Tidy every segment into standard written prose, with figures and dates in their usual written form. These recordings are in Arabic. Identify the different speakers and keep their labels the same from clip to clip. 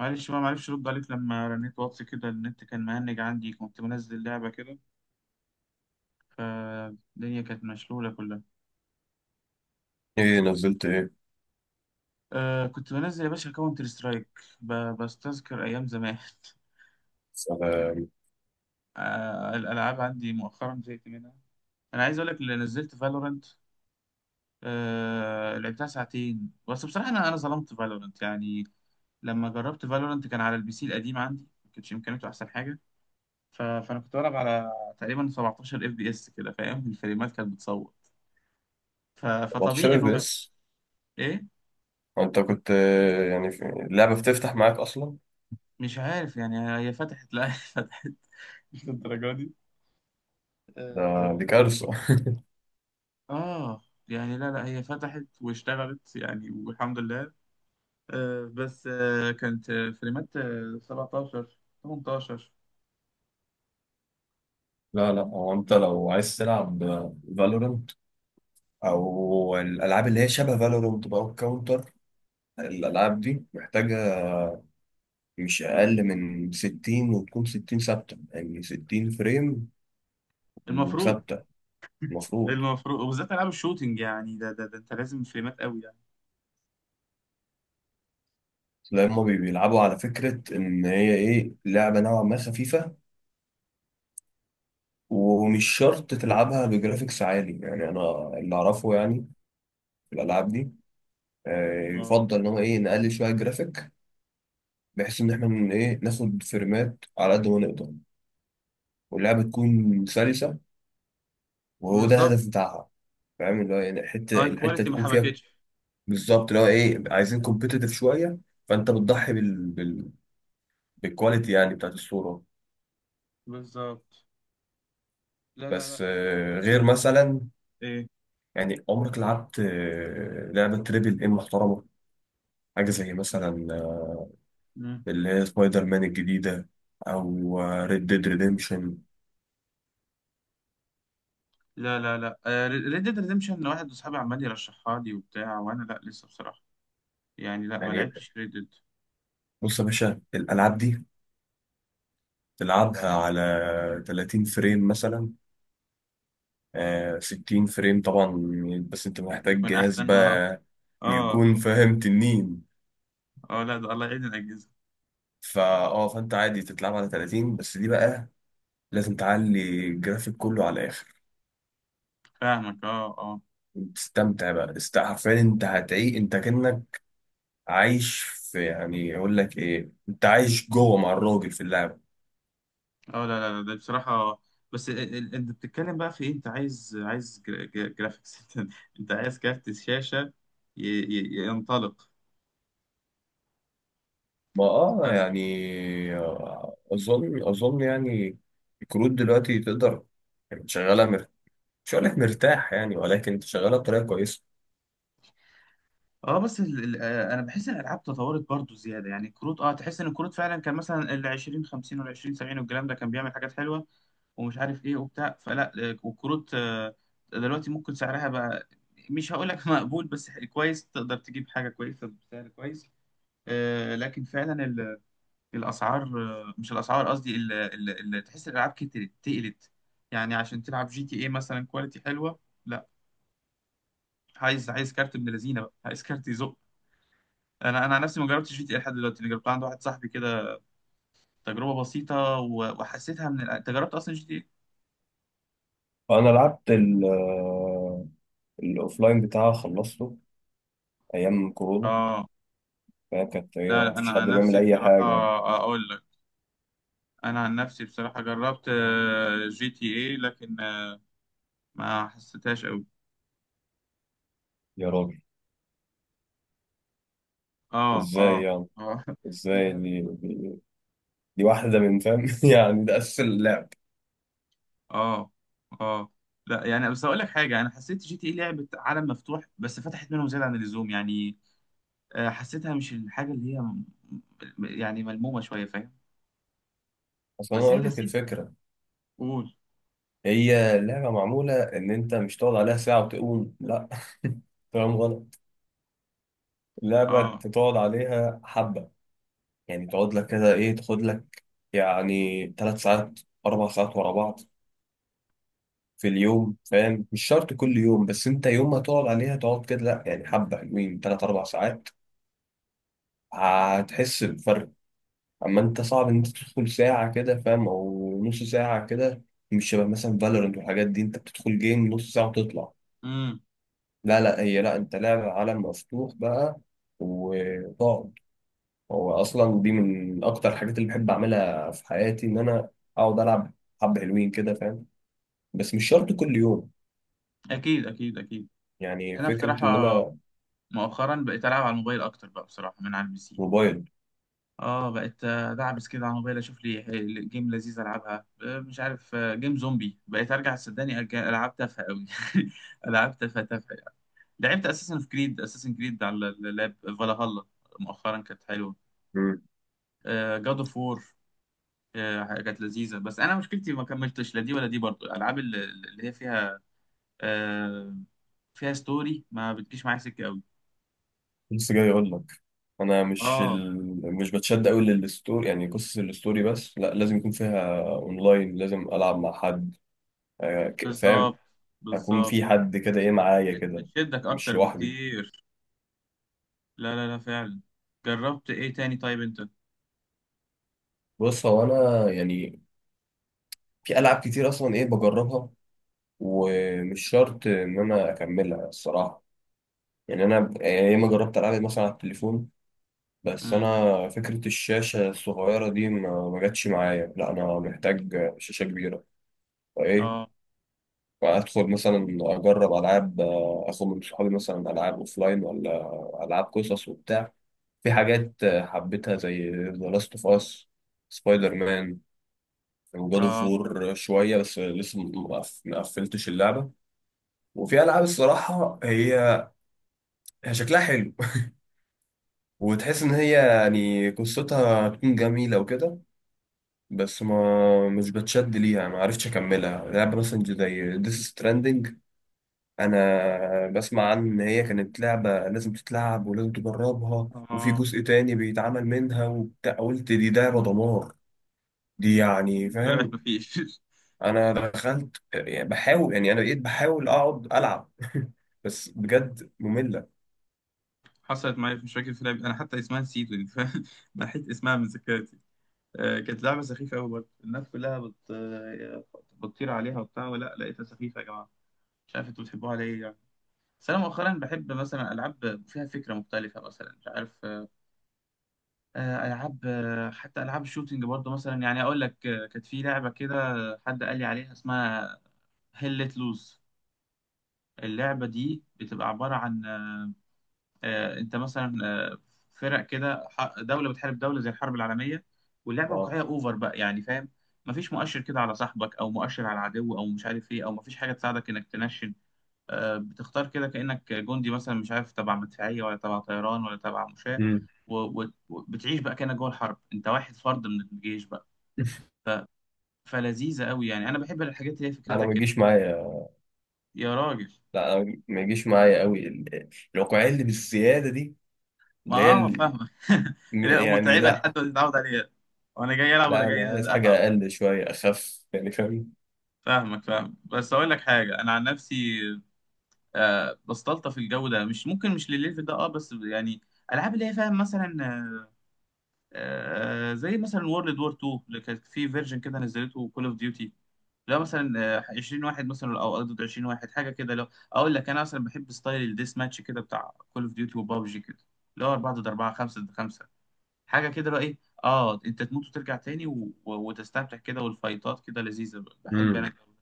Speaker 1: معلش بقى، معرفش ارد عليك لما رنيت واتس كده. النت كان مهنج عندي، كنت منزل لعبة كده، فالدنيا كانت مشلولة كلها.
Speaker 2: ايه نزلت ايه؟
Speaker 1: كنت بنزل يا باشا كاونتر سترايك. بستذكر أيام زمان.
Speaker 2: سلام.
Speaker 1: الألعاب عندي مؤخرا زهقت منها. أنا عايز أقول لك اللي نزلت فالورنت. لعبتها ساعتين، بس بصراحة أنا ظلمت فالورنت يعني. لما جربت فالورنت كان على البي سي القديم عندي، ما كانتش إمكانياته أحسن حاجة. ف... فأنا كنت بلعب على تقريبا 17 اف بي اس كده، فاهم؟ الفريمات كانت بتصور. ف... فطبيعي
Speaker 2: 14
Speaker 1: انه
Speaker 2: بس.
Speaker 1: ايه.
Speaker 2: انت كنت، يعني في اللعبة بتفتح معاك اصلا؟
Speaker 1: مش عارف يعني، هي فتحت، لا، هي فتحت، مش للدرجه دي.
Speaker 2: ده دي
Speaker 1: اه،
Speaker 2: كارثة.
Speaker 1: آه، يعني لا لا، هي فتحت واشتغلت يعني والحمد لله. بس كانت، فريمات، 17، 18.
Speaker 2: لا لا، هو انت لو عايز تلعب فالورنت او الالعاب اللي هي شبه فالورنت بقى والكاونتر، الالعاب دي محتاجة مش اقل من 60، وتكون 60 ثابتة، يعني 60 فريم
Speaker 1: المفروض،
Speaker 2: وثابتة. المفروض
Speaker 1: المفروض، وبالذات العاب الشوتينج يعني. ده انت لازم فريمات قوي يعني.
Speaker 2: تلاقي هما بيلعبوا على فكرة ان هي ايه، لعبة نوعا ما خفيفة، ومش شرط تلعبها بجرافيكس عالي. يعني انا اللي اعرفه يعني في الالعاب دي،
Speaker 1: اه،
Speaker 2: يفضل ان هو ايه، نقلل شويه الجرافيك، بحيث ان احنا من ايه، ناخد فريمات على قد ما نقدر، واللعبه تكون سلسه، وهو ده
Speaker 1: بالظبط.
Speaker 2: الهدف بتاعها. فاهم اللي هو يعني،
Speaker 1: اه،
Speaker 2: الحته
Speaker 1: الكواليتي ما
Speaker 2: تكون فيها
Speaker 1: حبكتش.
Speaker 2: بالظبط، اللي هو ايه، عايزين كومبيتيتيف شويه. فانت بتضحي بالكواليتي يعني، بتاعت الصوره.
Speaker 1: بالظبط. لا لا
Speaker 2: بس
Speaker 1: لا، بصراحة،
Speaker 2: غير مثلا،
Speaker 1: ايه.
Speaker 2: يعني عمرك لعبت لعبه تريبل ام محترمه؟ حاجه زي مثلا
Speaker 1: مم.
Speaker 2: اللي هي سبايدر مان الجديدة، أو ريد ديد ريديمشن.
Speaker 1: لا لا لا، ريد ديد ريدمشن، واحد وصحابي عمال يرشحها لي وبتاع، وانا لا، لسه بصراحه. يعني لا، ما
Speaker 2: يعني
Speaker 1: لعبتش ريد ديد.
Speaker 2: بص يا باشا، الألعاب دي تلعبها على 30 فريم مثلا، آه 60 فريم طبعا، بس أنت محتاج
Speaker 1: يكون
Speaker 2: جهاز
Speaker 1: احسن، اه.
Speaker 2: بقى
Speaker 1: اه.
Speaker 2: يكون فاهم، تنين.
Speaker 1: اه لا، ده الله يعين الاجهزه.
Speaker 2: فا اه فأنت عادي تتلعب على 30، بس دي بقى لازم تعلي الجرافيك كله على الآخر،
Speaker 1: فاهمك، اه، اه.
Speaker 2: تستمتع بقى. حرفيا أنت هتعيق، أنت كأنك عايش في، يعني أقول لك إيه، أنت عايش جوه مع الراجل في اللعبة.
Speaker 1: اه، لا لا لا، ده بصراحه بس انت بتتكلم بقى في ايه. انت عايز جرافيكس. انت، انت عايز كارت شاشه ينطلق.
Speaker 2: ما اه
Speaker 1: آه.
Speaker 2: يعني آه، اظن يعني الكروت دلوقتي تقدر، يعني شغاله مش هقول لك مرتاح يعني، ولكن شغاله بطريقه كويسه.
Speaker 1: اه، بس ال انا بحس ان الالعاب تطورت برضو زياده يعني. الكروت، اه، تحس ان الكروت فعلا كان مثلا ال 20 50 وال 20 70، والكلام ده كان بيعمل حاجات حلوه ومش عارف ايه وبتاع. فلا، والكروت دلوقتي ممكن سعرها بقى، مش هقول لك مقبول، بس كويس تقدر تجيب حاجه كويسه بسعر كويس. لكن فعلا الاسعار، مش الاسعار قصدي، تحس الالعاب كترت، تقلت يعني. عشان تلعب جي تي اي مثلا كواليتي حلوه، لا، عايز كارت ابن لذينه بقى، عايز كارت يزق. انا عن نفسي ما جربتش جي تي إيه لحد دلوقتي. انا جربت عند واحد صاحبي كده تجربه بسيطه، و- وحسيتها من انت جربت اصلا جي تي إيه؟
Speaker 2: فانا لعبت ال آه، الاوفلاين بتاعها، خلصته ايام كورونا،
Speaker 1: اه.
Speaker 2: فهي كانت ايه،
Speaker 1: لا
Speaker 2: ما
Speaker 1: لا، انا
Speaker 2: فيش حد
Speaker 1: عن
Speaker 2: بيعمل
Speaker 1: نفسي
Speaker 2: اي
Speaker 1: بصراحه،
Speaker 2: حاجه.
Speaker 1: اقول لك، انا عن نفسي بصراحه جربت جي تي اي، لكن ما حسيتهاش قوي.
Speaker 2: يا راجل،
Speaker 1: اه،
Speaker 2: ازاي
Speaker 1: اه.
Speaker 2: يعني؟
Speaker 1: اه. مش
Speaker 2: ازاي؟
Speaker 1: عارف.
Speaker 2: دي واحده من، فاهم، يعني ده اساس اللعب.
Speaker 1: اه، اه، لا يعني، بس اقول لك حاجه، انا حسيت جي تي اي لعبه عالم مفتوح بس فتحت منهم زياده عن اللزوم يعني. حسيتها مش الحاجه اللي هي يعني ملمومه شويه، فاهم.
Speaker 2: اصل انا
Speaker 1: بس هي
Speaker 2: اقول لك
Speaker 1: لذيذه.
Speaker 2: الفكره،
Speaker 1: قول.
Speaker 2: هي اللعبه معموله ان انت مش تقعد عليها ساعه وتقوم، لا، فاهم؟ غلط. اللعبة
Speaker 1: اه.
Speaker 2: تقعد عليها حبة، يعني تقعد لك كده، إيه، تاخد لك يعني تلات ساعات، أربع ساعات ورا بعض في اليوم، فاهم؟ مش شرط كل يوم، بس أنت يوم ما تقعد عليها تقعد كده، لأ يعني حبة حلوين، تلات أربع ساعات، هتحس بفرق. أما أنت صعب إن أنت تدخل ساعة كده فاهم، أو نص ساعة كده، مش شبه مثلا فالورنت والحاجات دي، أنت بتدخل جيم نص ساعة وتطلع.
Speaker 1: امم.
Speaker 2: لا لا، هي لا، أنت لعبة عالم مفتوح بقى، وتقعد، هو اصلا دي من اكتر الحاجات اللي بحب اعملها في حياتي، ان انا اقعد العب حبة حلوين كده، فاهم؟ بس مش شرط كل يوم.
Speaker 1: اكيد اكيد اكيد.
Speaker 2: يعني
Speaker 1: انا
Speaker 2: فكرة ان
Speaker 1: بصراحه
Speaker 2: انا،
Speaker 1: مؤخرا بقيت العب على الموبايل اكتر بقى بصراحه من على البي سي.
Speaker 2: موبايل.
Speaker 1: اه، بقيت دعبس كده على الموبايل، اشوف لي جيم لذيذ العبها. مش عارف، جيم زومبي. بقيت ارجع صدقني أرجع العب تافهه قوي. العاب تافهه تافهه يعني. لعبت اساسن في كريد، اساسن كريد على اللاب فالهالا، مؤخرا كانت حلوه.
Speaker 2: مم.
Speaker 1: جاد اوف وور كانت لذيذه. بس انا مشكلتي ما كملتش لا دي ولا دي، برضو الالعاب اللي هي فيها آه، فيها ستوري ما بتجيش معايا سكه قوي.
Speaker 2: لسه جاي اقول لك، انا مش
Speaker 1: اه،
Speaker 2: مش بتشد قوي للستوري، يعني قصص الستوري، بس لا، لازم يكون فيها اونلاين، لازم العب مع حد، فاهم،
Speaker 1: بالظبط
Speaker 2: اكون
Speaker 1: بالظبط.
Speaker 2: في حد كده ايه معايا كده،
Speaker 1: بتشدك
Speaker 2: مش
Speaker 1: اكتر
Speaker 2: لوحدي.
Speaker 1: بكتير. لا لا لا، فعلا. جربت ايه تاني طيب انت.
Speaker 2: بص هو انا يعني في العاب كتير اصلا ايه بجربها، ومش شرط ان انا اكملها الصراحة. يعني انا يعني ياما جربت العب مثلا على التليفون، بس
Speaker 1: امم.
Speaker 2: انا فكره الشاشه الصغيره دي ما جاتش معايا، لا انا محتاج شاشه كبيره،
Speaker 1: اه،
Speaker 2: فايه، فادخل مثلا اجرب العاب، اخد من صحابي مثلا العاب اوفلاين ولا العاب قصص وبتاع. في حاجات حبيتها زي ذا لاست اوف اس، سبايدر مان، وجاد اوف
Speaker 1: اه،
Speaker 2: وور شويه، بس لسه ما قفلتش اللعبه. وفي العاب الصراحه هي شكلها حلو، وتحس ان هي يعني قصتها هتكون جميله وكده، بس ما مش بتشد ليها، ما عرفتش اكملها. لعبه مثلا زي ديس ستراندنج، انا بسمع عن ان هي كانت لعبه لازم تتلعب ولازم تجربها، وفي
Speaker 1: اه.
Speaker 2: جزء تاني بيتعمل منها وبتاع، قلت دي لعبه دمار دي يعني،
Speaker 1: طلعت
Speaker 2: فاهم،
Speaker 1: مفيش.
Speaker 2: انا دخلت يعني بحاول يعني، انا بقيت بحاول اقعد العب، بس بجد ممله.
Speaker 1: حصلت معايا مش فاكر في لعبة انا حتى اسمها نسيته يعني، فاهم؟ نحيت اسمها من ذاكرتي. آه، كانت لعبة سخيفة قوي برضه. الناس كلها بتطير عليها وبتاع، ولا لقيتها سخيفة يا جماعة. مش عارف انتوا بتحبوها على ايه يعني. بس انا مؤخرا بحب مثلا العاب فيها فكرة مختلفة. مثلا مش عارف، العاب، حتى العاب الشوتينج برضو مثلا. يعني اقول لك، كانت في لعبه كده، حد قال لي عليها، اسمها هيل ليت لوز. اللعبه دي بتبقى عباره عن انت مثلا، فرق كده، دوله بتحارب دوله زي الحرب العالميه، واللعبه
Speaker 2: اه.
Speaker 1: واقعيه اوفر بقى يعني، فاهم. مفيش مؤشر كده على صاحبك او مؤشر على العدو او مش عارف ايه، او مفيش حاجه تساعدك انك تنشن. بتختار كده كأنك جندي مثلا، مش عارف، تبع مدفعية ولا تبع طيران ولا تبع مشاة.
Speaker 2: مم.
Speaker 1: وبتعيش بقى كأنك جوه الحرب، انت واحد فرد من الجيش بقى. فلذيذة قوي يعني، انا بحب الحاجات اللي هي
Speaker 2: انا ما
Speaker 1: فكرتها كده.
Speaker 2: بيجيش معايا.
Speaker 1: يا راجل.
Speaker 2: لا أنا ما يجيش معايا قوي الواقعية اللي بالزيادة دي،
Speaker 1: ما
Speaker 2: اللي هي
Speaker 1: اه، فاهمك. لا، متعبة
Speaker 2: لا،
Speaker 1: لحد ما تتعود عليها، وانا جاي العب ولا
Speaker 2: لا أنا
Speaker 1: جاي
Speaker 2: عايز حاجة
Speaker 1: اتعب.
Speaker 2: أقل شوية أخف، يعني فاهم.
Speaker 1: فاهمك فاهمك. بس اقول لك حاجة، انا عن نفسي بستلطف الجو ده، مش ممكن مش للليفل ده، اه، بس يعني، العاب اللي هي فاهم مثلا، زي مثلا وورلد وور 2 اللي كانت في فيرجن كده، نزلته كول اوف ديوتي. لا مثلا، 20 واحد مثلا او ضد 20 واحد، حاجه كده. لو اقول لك، انا مثلا بحب ستايل الديس ماتش كده، بتاع كول اوف ديوتي وبابجي كده، اللي هو 4 ضد 4، 5 ضد 5، حاجه كده، اللي هو ايه، اه، انت تموت وترجع تاني و... و... وتستمتع كده، والفايتات كده لذيذه. بحب انا
Speaker 2: امم
Speaker 1: الجو ده.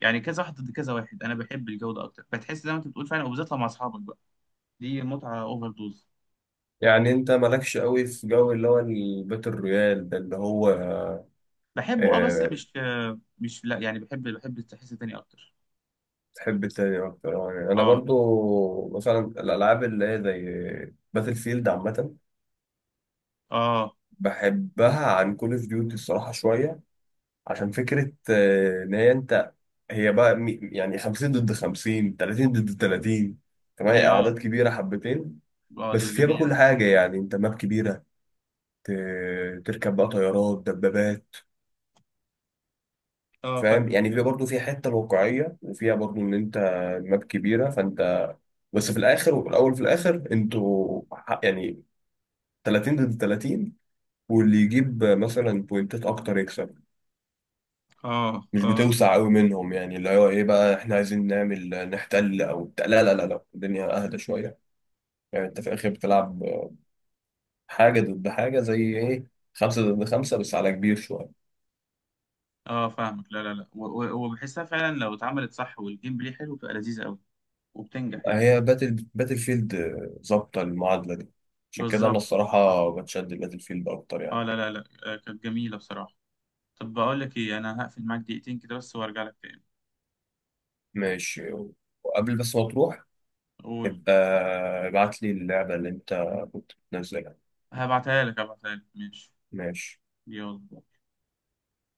Speaker 1: يعني كذا واحد ضد كذا واحد، انا بحب الجو ده اكتر، بتحس زي ما انت بتقول فعلا، وبالذات لما اصحابك بقى، دي متعه اوفر دوز.
Speaker 2: يعني أنت مالكش قوي في جو اللي هو البيت الرويال ده، اللي هو،
Speaker 1: بحبه اه، بس
Speaker 2: آه،
Speaker 1: مش، مش، لا يعني، بحب التحس تاني اكتر.
Speaker 2: تحب التاني أكتر. يعني أنا
Speaker 1: اه،
Speaker 2: برضو مثلا الألعاب اللي هي زي باتل فيلد عامة
Speaker 1: اه.
Speaker 2: بحبها عن كول أوف ديوتي الصراحة شوية، عشان فكرة إن هي أنت، هي بقى يعني 50 ضد 50، 30 ضد 30،
Speaker 1: دي
Speaker 2: كمان
Speaker 1: اه.
Speaker 2: اعداد كبيره حبتين.
Speaker 1: اه،
Speaker 2: بس
Speaker 1: دي
Speaker 2: فيها بقى
Speaker 1: جميلة.
Speaker 2: كل حاجه، يعني انت ماب كبيره، ت- تركب بقى طيارات، دبابات،
Speaker 1: اه،
Speaker 2: فاهم؟
Speaker 1: فاهمك
Speaker 2: يعني فيها
Speaker 1: فاهمك.
Speaker 2: برضه فيها حته الواقعيه، وفيها برضه ان انت ماب كبيره فانت، بس في الاخر، وفي الاول في الاخر، انتوا يعني 30 ضد 30، واللي يجيب مثلا بوينتات اكتر يكسب.
Speaker 1: اه،
Speaker 2: مش
Speaker 1: اه،
Speaker 2: بتوسع قوي منهم، يعني اللي هو ايه بقى، احنا عايزين نعمل نحتل او بتاع. لا لا لا لا، الدنيا اهدى شويه، يعني انت في الاخر بتلعب حاجه ضد حاجه، زي ايه، خمسه ضد خمسه بس على كبير شويه.
Speaker 1: اه، فاهمك. لا لا لا، و- و- وبحسها فعلا. لو اتعملت صح والجيم بلاي حلو، بتبقى لذيذة قوي وبتنجح يعني.
Speaker 2: هي باتل فيلد ظابطه المعادله دي، عشان كده انا
Speaker 1: بالظبط بالظبط.
Speaker 2: الصراحه بتشد باتل فيلد اكتر يعني.
Speaker 1: اه، لا لا لا، كانت جميلة بصراحة. طب بقول لك ايه، انا هقفل معاك دقيقتين كده بس وارجع لك تاني.
Speaker 2: ماشي. وقبل بس ما تروح،
Speaker 1: قول.
Speaker 2: ابقى ابعت لي اللعبه اللي انت كنت بتنزلها.
Speaker 1: هبعتها لك هبعتها لك، ماشي.
Speaker 2: ماشي.
Speaker 1: يلا.